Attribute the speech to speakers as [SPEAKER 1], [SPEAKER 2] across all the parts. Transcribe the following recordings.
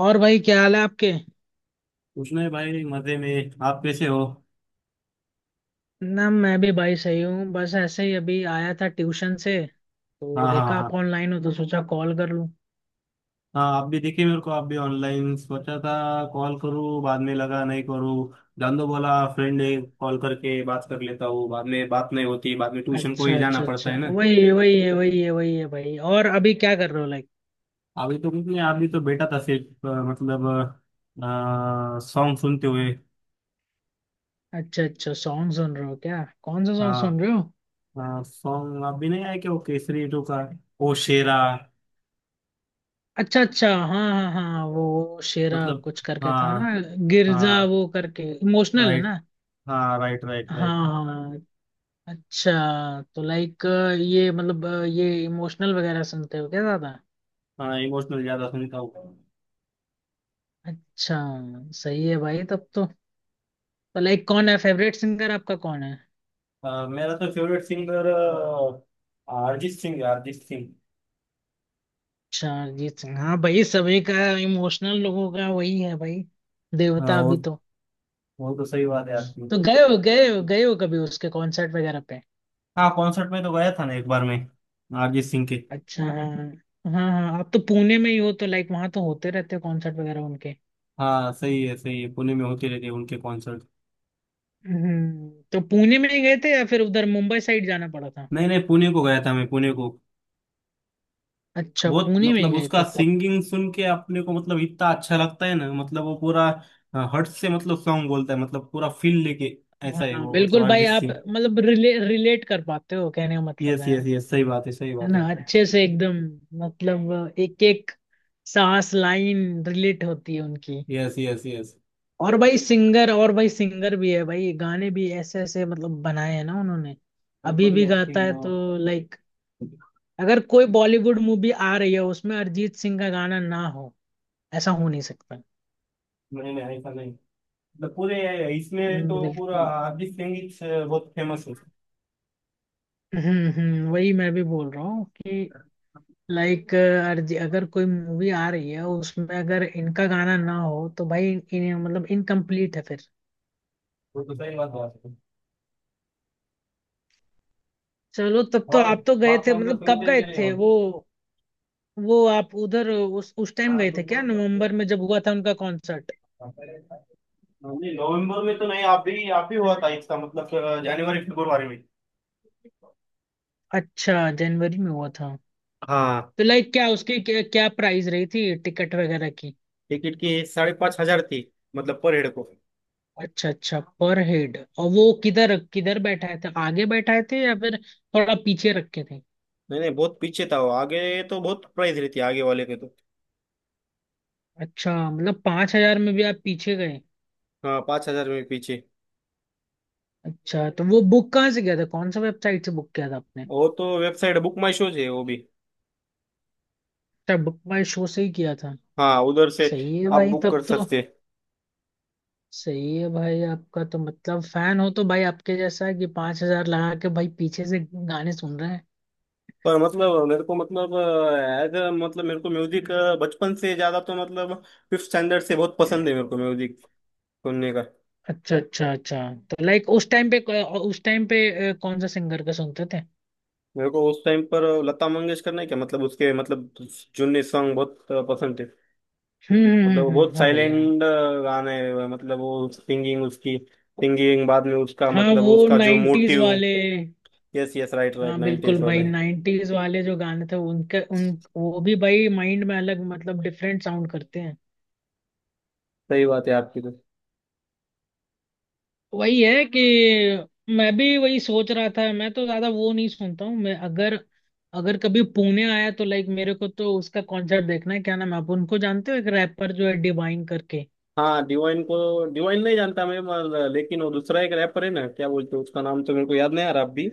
[SPEAKER 1] और भाई क्या हाल है आपके?
[SPEAKER 2] उसने भाई मजे में। आप कैसे हो?
[SPEAKER 1] ना, मैं भी भाई सही हूँ। बस ऐसे ही अभी आया था ट्यूशन से
[SPEAKER 2] हाँ
[SPEAKER 1] तो
[SPEAKER 2] हाँ
[SPEAKER 1] देखा आप
[SPEAKER 2] हाँ।
[SPEAKER 1] ऑनलाइन हो तो सोचा कॉल कर लूँ।
[SPEAKER 2] हाँ आप भी देखे मेरे को आप भी ऑनलाइन सोचा था कॉल करूँ बाद में लगा नहीं करूँ। दांदो बोला फ्रेंड है कॉल करके बात कर लेता हूँ बाद में बात नहीं होती बाद में ट्यूशन को
[SPEAKER 1] अच्छा
[SPEAKER 2] ही जाना
[SPEAKER 1] अच्छा
[SPEAKER 2] पड़ता
[SPEAKER 1] अच्छा,
[SPEAKER 2] है ना।
[SPEAKER 1] वही है वही है वही है वही है भाई। और अभी क्या कर रहे हो, लाइक?
[SPEAKER 2] अभी तो कुछ नहीं। अभी तो बैठा था सिर्फ मतलब सॉन्ग सुनते हुए।
[SPEAKER 1] अच्छा अच्छा, सॉन्ग सुन रहे हो क्या? कौन सा सॉन्ग
[SPEAKER 2] हाँ।
[SPEAKER 1] सुन रहे हो?
[SPEAKER 2] सॉन्ग आप भी नहीं आया क्या वो केसरी 2 का? ओ शेरा।
[SPEAKER 1] अच्छा अच्छा, हाँ हाँ हाँ। वो शेरा
[SPEAKER 2] मतलब।
[SPEAKER 1] कुछ करके था
[SPEAKER 2] हाँ।
[SPEAKER 1] ना? गिरजा
[SPEAKER 2] हाँ
[SPEAKER 1] वो करके, इमोशनल है
[SPEAKER 2] राइट।
[SPEAKER 1] ना?
[SPEAKER 2] हाँ राइट राइट राइट।
[SPEAKER 1] हाँ। हाँ। अच्छा। तो लाइक, ये मतलब ये इमोशनल वगैरह सुनते हो क्या ज्यादा?
[SPEAKER 2] हाँ इमोशनल ज्यादा सुनता हूँ।
[SPEAKER 1] अच्छा। सही है भाई तब तो। लाइक कौन है फेवरेट सिंगर आपका, कौन है?
[SPEAKER 2] मेरा तो फेवरेट सिंगर अरिजीत सिंह है, अरिजीत सिंह।
[SPEAKER 1] अच्छा, अरिजीत सिंह। हाँ भाई, सभी का इमोशनल लोगों का वही है भाई।
[SPEAKER 2] हाँ
[SPEAKER 1] देवता
[SPEAKER 2] वो।
[SPEAKER 1] अभी तो।
[SPEAKER 2] वो तो सही बात है आपकी।
[SPEAKER 1] तो गए हो गए हो गए हो कभी उसके कॉन्सर्ट वगैरह पे?
[SPEAKER 2] हाँ कॉन्सर्ट में तो गया था ना एक बार मैं। अरिजीत सिंह के।
[SPEAKER 1] अच्छा, हाँ। हाँ हाँ, आप तो पुणे में ही हो तो लाइक वहां तो होते रहते कॉन्सर्ट वगैरह उनके।
[SPEAKER 2] हाँ सही है पुणे में होते रहते हैं उनके कॉन्सर्ट।
[SPEAKER 1] तो पुणे में ही गए थे या फिर उधर मुंबई साइड जाना पड़ा था?
[SPEAKER 2] नहीं नहीं पुणे को गया था मैं पुणे को।
[SPEAKER 1] अच्छा,
[SPEAKER 2] बहुत
[SPEAKER 1] पुणे में ही
[SPEAKER 2] मतलब
[SPEAKER 1] गए
[SPEAKER 2] उसका
[SPEAKER 1] थे तो।
[SPEAKER 2] सिंगिंग सुन के अपने को मतलब इतना अच्छा लगता है ना मतलब वो पूरा हर्ट से मतलब सॉन्ग बोलता है मतलब पूरा फील लेके।
[SPEAKER 1] हाँ
[SPEAKER 2] ऐसा है
[SPEAKER 1] हाँ,
[SPEAKER 2] वो मतलब
[SPEAKER 1] बिल्कुल भाई।
[SPEAKER 2] अरिजीत
[SPEAKER 1] आप
[SPEAKER 2] सिंह।
[SPEAKER 1] मतलब रिलेट कर पाते हो, कहने का मतलब
[SPEAKER 2] यस
[SPEAKER 1] है।
[SPEAKER 2] यस यस सही बात है सही
[SPEAKER 1] है
[SPEAKER 2] बात है।
[SPEAKER 1] ना, अच्छे से एकदम। मतलब, एक एक सांस लाइन रिलेट होती है उनकी।
[SPEAKER 2] Yes yes yes.
[SPEAKER 1] और भाई सिंगर भी है भाई। गाने भी ऐसे ऐसे मतलब बनाए हैं ना उन्होंने।
[SPEAKER 2] बहुत
[SPEAKER 1] अभी भी
[SPEAKER 2] बढ़िया आई
[SPEAKER 1] गाता है
[SPEAKER 2] थिंक।
[SPEAKER 1] तो लाइक, अगर कोई बॉलीवुड मूवी आ रही है उसमें अरिजीत सिंह का गाना ना हो, ऐसा हो नहीं सकता।
[SPEAKER 2] नहीं नहीं ऐसा नहीं। मतलब पूरे इसमें तो पूरा
[SPEAKER 1] बिल्कुल।
[SPEAKER 2] अरिजीत सिंह ही से बहुत फेमस है।
[SPEAKER 1] वही मैं भी बोल रहा हूँ कि लाइक, अर्जी, अगर कोई मूवी आ रही है उसमें अगर इनका गाना ना हो तो भाई इन, इन, मतलब इनकम्प्लीट है फिर।
[SPEAKER 2] वो तो सही बात है।
[SPEAKER 1] चलो तब तो
[SPEAKER 2] और
[SPEAKER 1] आप तो गए
[SPEAKER 2] आप
[SPEAKER 1] थे,
[SPEAKER 2] कौन सा
[SPEAKER 1] मतलब कब
[SPEAKER 2] सुनते हैं
[SPEAKER 1] गए
[SPEAKER 2] कि नहीं
[SPEAKER 1] थे
[SPEAKER 2] और।
[SPEAKER 1] वो? वो आप उधर उस टाइम गए थे क्या, नवंबर में जब हुआ था उनका कॉन्सर्ट?
[SPEAKER 2] नहीं नवंबर में तो नहीं आप भी आप ही हुआ था इसका मतलब जनवरी फरवरी में।
[SPEAKER 1] अच्छा, जनवरी में हुआ था।
[SPEAKER 2] हाँ।
[SPEAKER 1] तो लाइक क्या उसकी क्या प्राइस रही थी टिकट वगैरह की?
[SPEAKER 2] टिकट की 5,500 थी। मतलब पर हेड को।
[SPEAKER 1] अच्छा अच्छा, पर हेड। और वो किधर किधर बैठाए थे, आगे बैठाए थे या फिर थोड़ा पीछे रखे थे?
[SPEAKER 2] नहीं नहीं बहुत पीछे था वो आगे तो बहुत प्राइस रहती है आगे वाले के तो।
[SPEAKER 1] अच्छा, मतलब 5,000 में भी आप पीछे गए?
[SPEAKER 2] हाँ 5,000 में पीछे।
[SPEAKER 1] अच्छा, तो वो बुक कहाँ से किया था, कौन सा वेबसाइट से बुक किया था आपने?
[SPEAKER 2] वो तो वेबसाइट बुक माई शोज है वो भी।
[SPEAKER 1] अच्छा, बुक माई शो से ही किया था।
[SPEAKER 2] हाँ उधर से।
[SPEAKER 1] सही है
[SPEAKER 2] आप
[SPEAKER 1] भाई
[SPEAKER 2] बुक कर
[SPEAKER 1] तब तो।
[SPEAKER 2] सकते।
[SPEAKER 1] सही है भाई, आपका तो मतलब फैन हो तो भाई आपके जैसा है कि 5,000 लगा के भाई पीछे से गाने सुन रहे हैं।
[SPEAKER 2] पर मतलब मेरे को मतलब एज मतलब मेरे को म्यूजिक बचपन से ज्यादा तो मतलब फिफ्थ स्टैंडर्ड से बहुत पसंद है मेरे को म्यूजिक सुनने का।
[SPEAKER 1] अच्छा अच्छा अच्छा। तो लाइक उस टाइम पे कौन सा सिंगर का सुनते थे?
[SPEAKER 2] मेरे को उस टाइम पर लता मंगेशकर ने क्या मतलब उसके मतलब जुन्ने सॉन्ग बहुत पसंद थे। मतलब वो बहुत
[SPEAKER 1] हाँ भाई, हाँ।
[SPEAKER 2] साइलेंट गाने हैं, मतलब वो सिंगिंग उसकी सिंगिंग बाद में उसका
[SPEAKER 1] हाँ,
[SPEAKER 2] मतलब
[SPEAKER 1] वो
[SPEAKER 2] उसका जो
[SPEAKER 1] 90s
[SPEAKER 2] मोटिव।
[SPEAKER 1] वाले।
[SPEAKER 2] यस यस राइट राइट
[SPEAKER 1] हाँ बिल्कुल
[SPEAKER 2] नाइनटीज
[SPEAKER 1] भाई,
[SPEAKER 2] वाले।
[SPEAKER 1] 90s वाले जो गाने थे उनके उन वो भी भाई माइंड में अलग मतलब डिफरेंट साउंड करते हैं।
[SPEAKER 2] सही बात है आपकी तो।
[SPEAKER 1] वही है कि मैं भी वही सोच रहा था। मैं तो ज्यादा वो नहीं सुनता हूँ मैं। अगर अगर कभी पुणे आया तो लाइक मेरे को तो उसका कॉन्सर्ट देखना है। क्या नाम है, आप उनको जानते हो? एक रैपर जो है, डिवाइन करके।
[SPEAKER 2] हाँ डिवाइन को डिवाइन नहीं जानता मैं लेकिन वो दूसरा एक रैपर है ना क्या बोलते हैं उसका नाम तो मेरे को याद नहीं आ रहा अभी।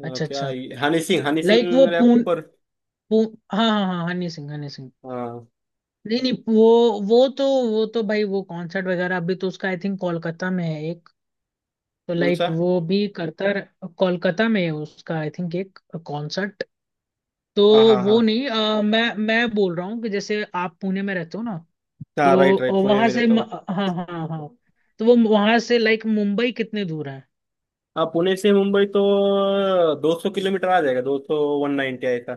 [SPEAKER 1] अच्छा
[SPEAKER 2] क्या
[SPEAKER 1] अच्छा।
[SPEAKER 2] Honey
[SPEAKER 1] like
[SPEAKER 2] Singh wrapper.
[SPEAKER 1] पू, हाँ हाँ हाँ, हनी सिंह हनी सिंह।
[SPEAKER 2] हाँ।
[SPEAKER 1] नहीं नहीं, वो तो वो तो भाई वो कॉन्सर्ट वगैरह अभी तो उसका आई थिंक कोलकाता में है एक। तो
[SPEAKER 2] कौन
[SPEAKER 1] लाइक
[SPEAKER 2] सा।
[SPEAKER 1] वो भी कोलकाता में है उसका आई थिंक एक कॉन्सर्ट। तो
[SPEAKER 2] हाँ हाँ हाँ।
[SPEAKER 1] वो नहीं, मैं बोल रहा हूँ कि जैसे आप पुणे में रहते हो ना,
[SPEAKER 2] हाँ राइट
[SPEAKER 1] तो
[SPEAKER 2] राइट पुणे
[SPEAKER 1] वहां
[SPEAKER 2] में
[SPEAKER 1] से
[SPEAKER 2] रहता हूँ।
[SPEAKER 1] हाँ हाँ हाँ, तो वो वहां से लाइक मुंबई कितने दूर है?
[SPEAKER 2] हाँ पुणे से मुंबई तो 200 किलोमीटर आ जाएगा। 200 190 ऐसा।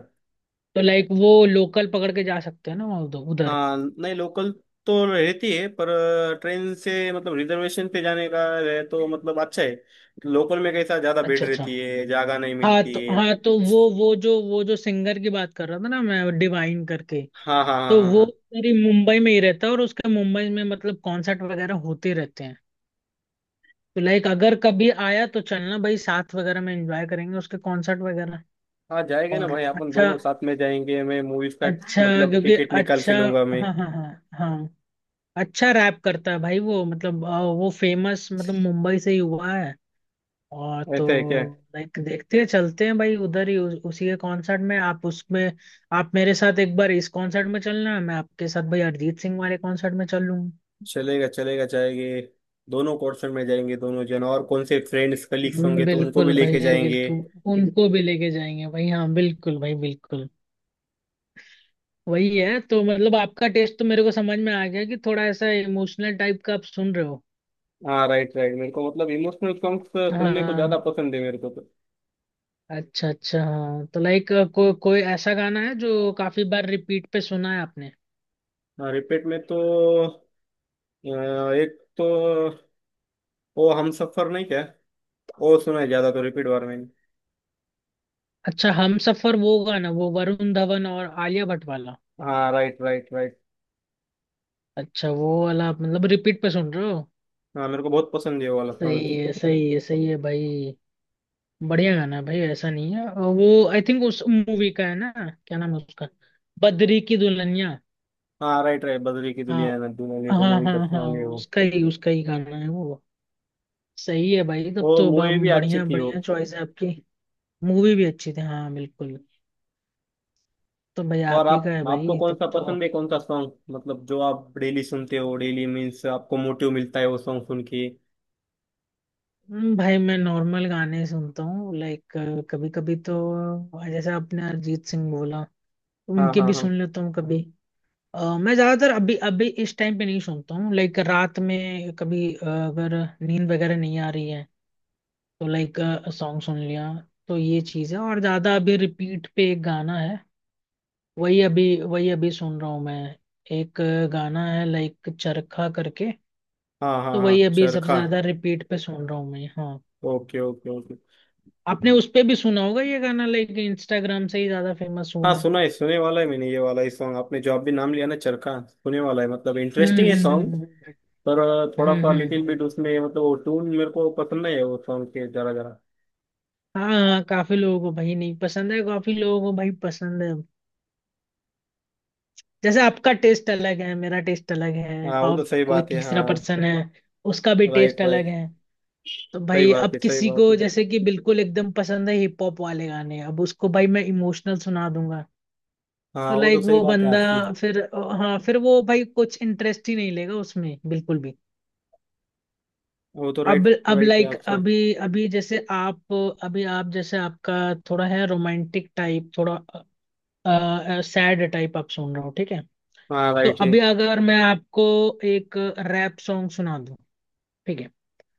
[SPEAKER 1] तो लाइक वो लोकल पकड़ के जा सकते हैं ना वहाँ, उधर उधर?
[SPEAKER 2] हाँ नहीं लोकल तो रहती है पर ट्रेन से मतलब रिजर्वेशन पे जाने का है तो मतलब अच्छा है। लोकल में कैसा ज्यादा भीड़
[SPEAKER 1] अच्छा अच्छा।
[SPEAKER 2] रहती है जगह नहीं
[SPEAKER 1] हाँ
[SPEAKER 2] मिलती
[SPEAKER 1] तो,
[SPEAKER 2] है।
[SPEAKER 1] वो जो सिंगर की बात कर रहा था ना मैं, डिवाइन करके।
[SPEAKER 2] हाँ हाँ हाँ
[SPEAKER 1] तो
[SPEAKER 2] हाँ
[SPEAKER 1] वो
[SPEAKER 2] हाँ।
[SPEAKER 1] मेरी मुंबई में ही रहता है और उसके मुंबई में मतलब कॉन्सर्ट वगैरह होते रहते हैं। तो लाइक अगर कभी आया तो चलना भाई, साथ वगैरह में एंजॉय करेंगे उसके कॉन्सर्ट वगैरह।
[SPEAKER 2] हाँ जाएंगे ना
[SPEAKER 1] और
[SPEAKER 2] भाई अपन
[SPEAKER 1] अच्छा,
[SPEAKER 2] दोनों साथ में जाएंगे मैं मूवीज का
[SPEAKER 1] अच्छा,
[SPEAKER 2] मतलब
[SPEAKER 1] क्योंकि
[SPEAKER 2] टिकट निकाल
[SPEAKER 1] अच्छा,
[SPEAKER 2] के लूंगा मैं।
[SPEAKER 1] हाँ हाँ हाँ हाँ। अच्छा रैप करता है भाई वो, मतलब वो फेमस मतलब मुंबई से ही हुआ है, और तो
[SPEAKER 2] ऐसा है क्या?
[SPEAKER 1] लाइक देखते हैं, चलते हैं भाई उधर ही, उसी के कॉन्सर्ट में आप उसमें। आप मेरे साथ एक बार इस कॉन्सर्ट में चलना, मैं आपके साथ भाई अरिजीत सिंह वाले कॉन्सर्ट में चल लूंगा।
[SPEAKER 2] चलेगा चलेगा जाएंगे दोनों पोर्शन में जाएंगे दोनों जन और कौन से फ्रेंड्स कलीग्स होंगे तो उनको भी
[SPEAKER 1] बिल्कुल
[SPEAKER 2] लेके
[SPEAKER 1] भाई,
[SPEAKER 2] जाएंगे।
[SPEAKER 1] बिल्कुल। उनको भी लेके जाएंगे भाई, हाँ बिल्कुल भाई बिल्कुल। वही है तो मतलब आपका टेस्ट तो मेरे को समझ में आ गया कि थोड़ा ऐसा इमोशनल टाइप का आप सुन रहे हो।
[SPEAKER 2] हाँ राइट राइट मेरे को मतलब इमोशनल सॉन्ग्स सुनने को ज्यादा
[SPEAKER 1] हाँ।
[SPEAKER 2] पसंद है मेरे को तो।
[SPEAKER 1] अच्छा अच्छा, हाँ, तो लाइक कोई ऐसा गाना है जो काफी बार रिपीट पे सुना है आपने?
[SPEAKER 2] हाँ रिपीट में तो एक तो वो हम सफर नहीं क्या वो सुना है ज्यादा तो रिपीट बार में।
[SPEAKER 1] अच्छा, हम सफर वो गाना, वो वरुण धवन और आलिया भट्ट वाला?
[SPEAKER 2] हाँ राइट राइट राइट।
[SPEAKER 1] अच्छा, वो वाला आप मतलब रिपीट पे सुन रहे हो?
[SPEAKER 2] हाँ मेरे को बहुत पसंद है वो वाला सॉन्ग।
[SPEAKER 1] सही है सही है सही है भाई। बढ़िया गाना है भाई, ऐसा नहीं है। और वो आई थिंक उस मूवी का है ना? क्या नाम है उसका? बद्री की दुल्हनिया?
[SPEAKER 2] हाँ राइट राइट बदली की
[SPEAKER 1] हाँ
[SPEAKER 2] दुनिया है ना दुनिया को
[SPEAKER 1] हाँ
[SPEAKER 2] मूवी का
[SPEAKER 1] हाँ हाँ,
[SPEAKER 2] सॉन्ग है वो।
[SPEAKER 1] उसका ही गाना है वो। सही है भाई
[SPEAKER 2] वो
[SPEAKER 1] तब तो,
[SPEAKER 2] मूवी भी अच्छी
[SPEAKER 1] बढ़िया
[SPEAKER 2] थी वो।
[SPEAKER 1] बढ़िया चॉइस है आपकी। मूवी भी अच्छी थी, हाँ बिल्कुल। तो भाई आप
[SPEAKER 2] और
[SPEAKER 1] ही
[SPEAKER 2] आप
[SPEAKER 1] का है
[SPEAKER 2] आपको
[SPEAKER 1] भाई
[SPEAKER 2] कौन
[SPEAKER 1] तब
[SPEAKER 2] सा
[SPEAKER 1] तो।
[SPEAKER 2] पसंद है कौन सा सॉन्ग मतलब जो आप डेली सुनते हो डेली मीन्स आपको मोटिव मिलता है वो सॉन्ग सुन के?
[SPEAKER 1] भाई मैं नॉर्मल गाने सुनता हूँ लाइक, कभी कभी तो जैसे आपने अरिजीत सिंह बोला,
[SPEAKER 2] हाँ
[SPEAKER 1] उनके
[SPEAKER 2] हाँ
[SPEAKER 1] भी
[SPEAKER 2] हाँ
[SPEAKER 1] सुन लेता हूँ कभी। मैं ज्यादातर अभी अभी इस टाइम पे नहीं सुनता हूँ लाइक, रात में कभी अगर नींद वगैरह नहीं आ रही है तो लाइक सॉन्ग सुन लिया, तो ये चीज है। और ज्यादा अभी रिपीट पे एक गाना है, वही अभी सुन रहा हूँ मैं। एक गाना है लाइक चरखा करके।
[SPEAKER 2] हाँ हाँ।
[SPEAKER 1] तो
[SPEAKER 2] हाँ
[SPEAKER 1] वही अभी सबसे
[SPEAKER 2] चरखा।
[SPEAKER 1] ज्यादा रिपीट पे सुन रहा हूँ मैं, हाँ।
[SPEAKER 2] Okay okay okay.
[SPEAKER 1] आपने उस पे भी सुना होगा ये गाना, लाइक इंस्टाग्राम से ही ज्यादा फेमस
[SPEAKER 2] हाँ
[SPEAKER 1] हुआ है।
[SPEAKER 2] सुना है सुने वाला है मैंने ये वाला ही सॉन्ग आपने जो आप भी नाम लिया ना चरखा सुने वाला है मतलब
[SPEAKER 1] हम्म
[SPEAKER 2] इंटरेस्टिंग है
[SPEAKER 1] हम्म
[SPEAKER 2] सॉन्ग।
[SPEAKER 1] हम्म
[SPEAKER 2] पर थोड़ा
[SPEAKER 1] हम्म
[SPEAKER 2] सा
[SPEAKER 1] हम्म,
[SPEAKER 2] लिटिल
[SPEAKER 1] हम्म।
[SPEAKER 2] बिट उसमें मतलब वो ट्यून मेरे को पसंद नहीं है वो सॉन्ग के जरा जरा।
[SPEAKER 1] हाँ हाँ, काफी लोगों को भाई नहीं पसंद है, काफी लोगों को भाई पसंद है। जैसे आपका टेस्ट अलग है, मेरा टेस्ट अलग है,
[SPEAKER 2] हाँ वो
[SPEAKER 1] और
[SPEAKER 2] तो सही
[SPEAKER 1] कोई
[SPEAKER 2] बात है।
[SPEAKER 1] तीसरा
[SPEAKER 2] हाँ
[SPEAKER 1] पर्सन है, उसका भी टेस्ट
[SPEAKER 2] राइट
[SPEAKER 1] अलग
[SPEAKER 2] राइट
[SPEAKER 1] है। तो
[SPEAKER 2] सही
[SPEAKER 1] भाई
[SPEAKER 2] बात
[SPEAKER 1] अब
[SPEAKER 2] है सही
[SPEAKER 1] किसी
[SPEAKER 2] बात
[SPEAKER 1] को
[SPEAKER 2] है।
[SPEAKER 1] जैसे कि बिल्कुल एकदम पसंद है हिप हॉप वाले गाने, अब उसको भाई मैं इमोशनल सुना दूंगा
[SPEAKER 2] हाँ
[SPEAKER 1] तो
[SPEAKER 2] वो तो
[SPEAKER 1] लाइक
[SPEAKER 2] सही
[SPEAKER 1] वो
[SPEAKER 2] बात है
[SPEAKER 1] बंदा
[SPEAKER 2] आपकी।
[SPEAKER 1] फिर, हाँ फिर वो भाई कुछ इंटरेस्ट ही नहीं लेगा उसमें, बिल्कुल भी।
[SPEAKER 2] वो तो
[SPEAKER 1] अब
[SPEAKER 2] राइट
[SPEAKER 1] अब
[SPEAKER 2] राइट है
[SPEAKER 1] लाइक
[SPEAKER 2] आपका।
[SPEAKER 1] अभी अभी जैसे आप, अभी आप जैसे आपका थोड़ा है रोमांटिक टाइप, थोड़ा सैड टाइप आप सुन रहे हो, ठीक है।
[SPEAKER 2] हाँ
[SPEAKER 1] तो
[SPEAKER 2] राइट है।
[SPEAKER 1] अभी अगर मैं आपको एक रैप सॉन्ग सुना दूं, ठीक है,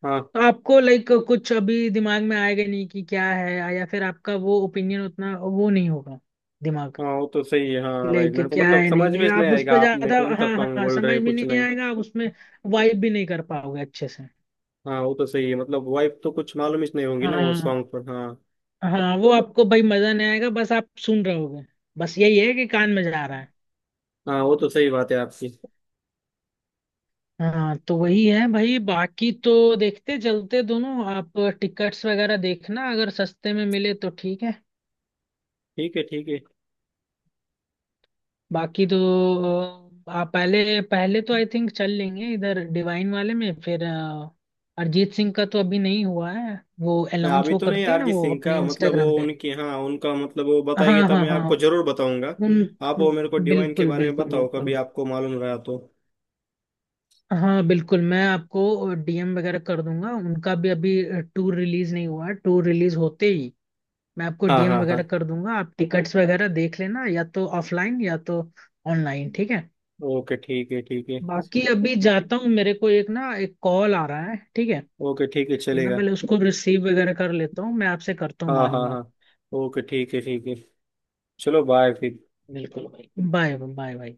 [SPEAKER 2] हाँ।
[SPEAKER 1] तो आपको लाइक कुछ अभी दिमाग में आएगा नहीं कि क्या है, या फिर आपका वो ओपिनियन उतना वो नहीं होगा दिमाग,
[SPEAKER 2] हाँ वो तो सही है
[SPEAKER 1] कि
[SPEAKER 2] हाँ राइट
[SPEAKER 1] लाइक
[SPEAKER 2] मेरे को
[SPEAKER 1] क्या
[SPEAKER 2] मतलब
[SPEAKER 1] है, नहीं
[SPEAKER 2] समझ
[SPEAKER 1] है
[SPEAKER 2] में नहीं
[SPEAKER 1] आप उस
[SPEAKER 2] आएगा
[SPEAKER 1] पर
[SPEAKER 2] आपने
[SPEAKER 1] ज्यादा।
[SPEAKER 2] कौन सा
[SPEAKER 1] हाँ हाँ
[SPEAKER 2] सॉन्ग
[SPEAKER 1] हाँ,
[SPEAKER 2] बोल रहे
[SPEAKER 1] समझ
[SPEAKER 2] हैं,
[SPEAKER 1] भी
[SPEAKER 2] कुछ
[SPEAKER 1] नहीं
[SPEAKER 2] नहीं।
[SPEAKER 1] आएगा आप उसमें, वाइब भी नहीं कर पाओगे अच्छे से।
[SPEAKER 2] हाँ वो तो सही है मतलब वाइफ तो कुछ मालूम ही नहीं होगी ना वो
[SPEAKER 1] हाँ
[SPEAKER 2] सॉन्ग पर हाँ।
[SPEAKER 1] हाँ, वो आपको भाई मजा नहीं आएगा, बस आप सुन रहे होगे, बस यही है कि कान में जा रहा है।
[SPEAKER 2] हाँ वो तो सही बात है आपकी।
[SPEAKER 1] हाँ, तो वही है भाई। बाकी तो देखते चलते दोनों, आप टिकट्स वगैरह देखना, अगर सस्ते में मिले तो ठीक है।
[SPEAKER 2] ठीक है ठीक है।
[SPEAKER 1] बाकी तो आप पहले पहले तो आई थिंक चल लेंगे इधर डिवाइन वाले में, फिर अरिजीत सिंह का तो अभी नहीं हुआ है, वो
[SPEAKER 2] मैं
[SPEAKER 1] अनाउंस
[SPEAKER 2] अभी
[SPEAKER 1] वो
[SPEAKER 2] तो नहीं
[SPEAKER 1] करते हैं ना
[SPEAKER 2] अरिजीत
[SPEAKER 1] वो
[SPEAKER 2] सिंह
[SPEAKER 1] अपने
[SPEAKER 2] का मतलब वो
[SPEAKER 1] इंस्टाग्राम पे।
[SPEAKER 2] उनकी हाँ उनका मतलब वो
[SPEAKER 1] हाँ
[SPEAKER 2] बताएंगे तब
[SPEAKER 1] हाँ
[SPEAKER 2] मैं
[SPEAKER 1] हाँ।
[SPEAKER 2] आपको जरूर बताऊंगा।
[SPEAKER 1] उन
[SPEAKER 2] आप वो
[SPEAKER 1] उन-
[SPEAKER 2] मेरे को डिवाइन के
[SPEAKER 1] बिल्कुल
[SPEAKER 2] बारे में
[SPEAKER 1] बिल्कुल
[SPEAKER 2] बताओ कभी
[SPEAKER 1] बिल्कुल,
[SPEAKER 2] आपको मालूम रहा तो।
[SPEAKER 1] हाँ बिल्कुल, मैं आपको डीएम वगैरह कर दूंगा उनका भी। अभी टूर रिलीज नहीं हुआ है, टूर रिलीज होते ही मैं आपको
[SPEAKER 2] हाँ
[SPEAKER 1] डीएम
[SPEAKER 2] हाँ
[SPEAKER 1] वगैरह
[SPEAKER 2] हाँ।
[SPEAKER 1] कर दूंगा, आप टिकट्स वगैरह देख लेना, या तो ऑफलाइन या तो ऑनलाइन, ठीक है।
[SPEAKER 2] ओके ठीक है ठीक है।
[SPEAKER 1] बाकी अभी जाता हूँ, मेरे को एक ना एक कॉल आ रहा है, ठीक है।
[SPEAKER 2] ओके ठीक है
[SPEAKER 1] तो मैं
[SPEAKER 2] चलेगा।
[SPEAKER 1] पहले उसको रिसीव वगैरह कर लेता हूँ, मैं आपसे करता हूँ
[SPEAKER 2] हाँ
[SPEAKER 1] बाद में
[SPEAKER 2] हाँ
[SPEAKER 1] बात।
[SPEAKER 2] हाँ। ओके ठीक है ठीक है। चलो बाय फिर।
[SPEAKER 1] बिल्कुल भाई, बाय बाय बाय।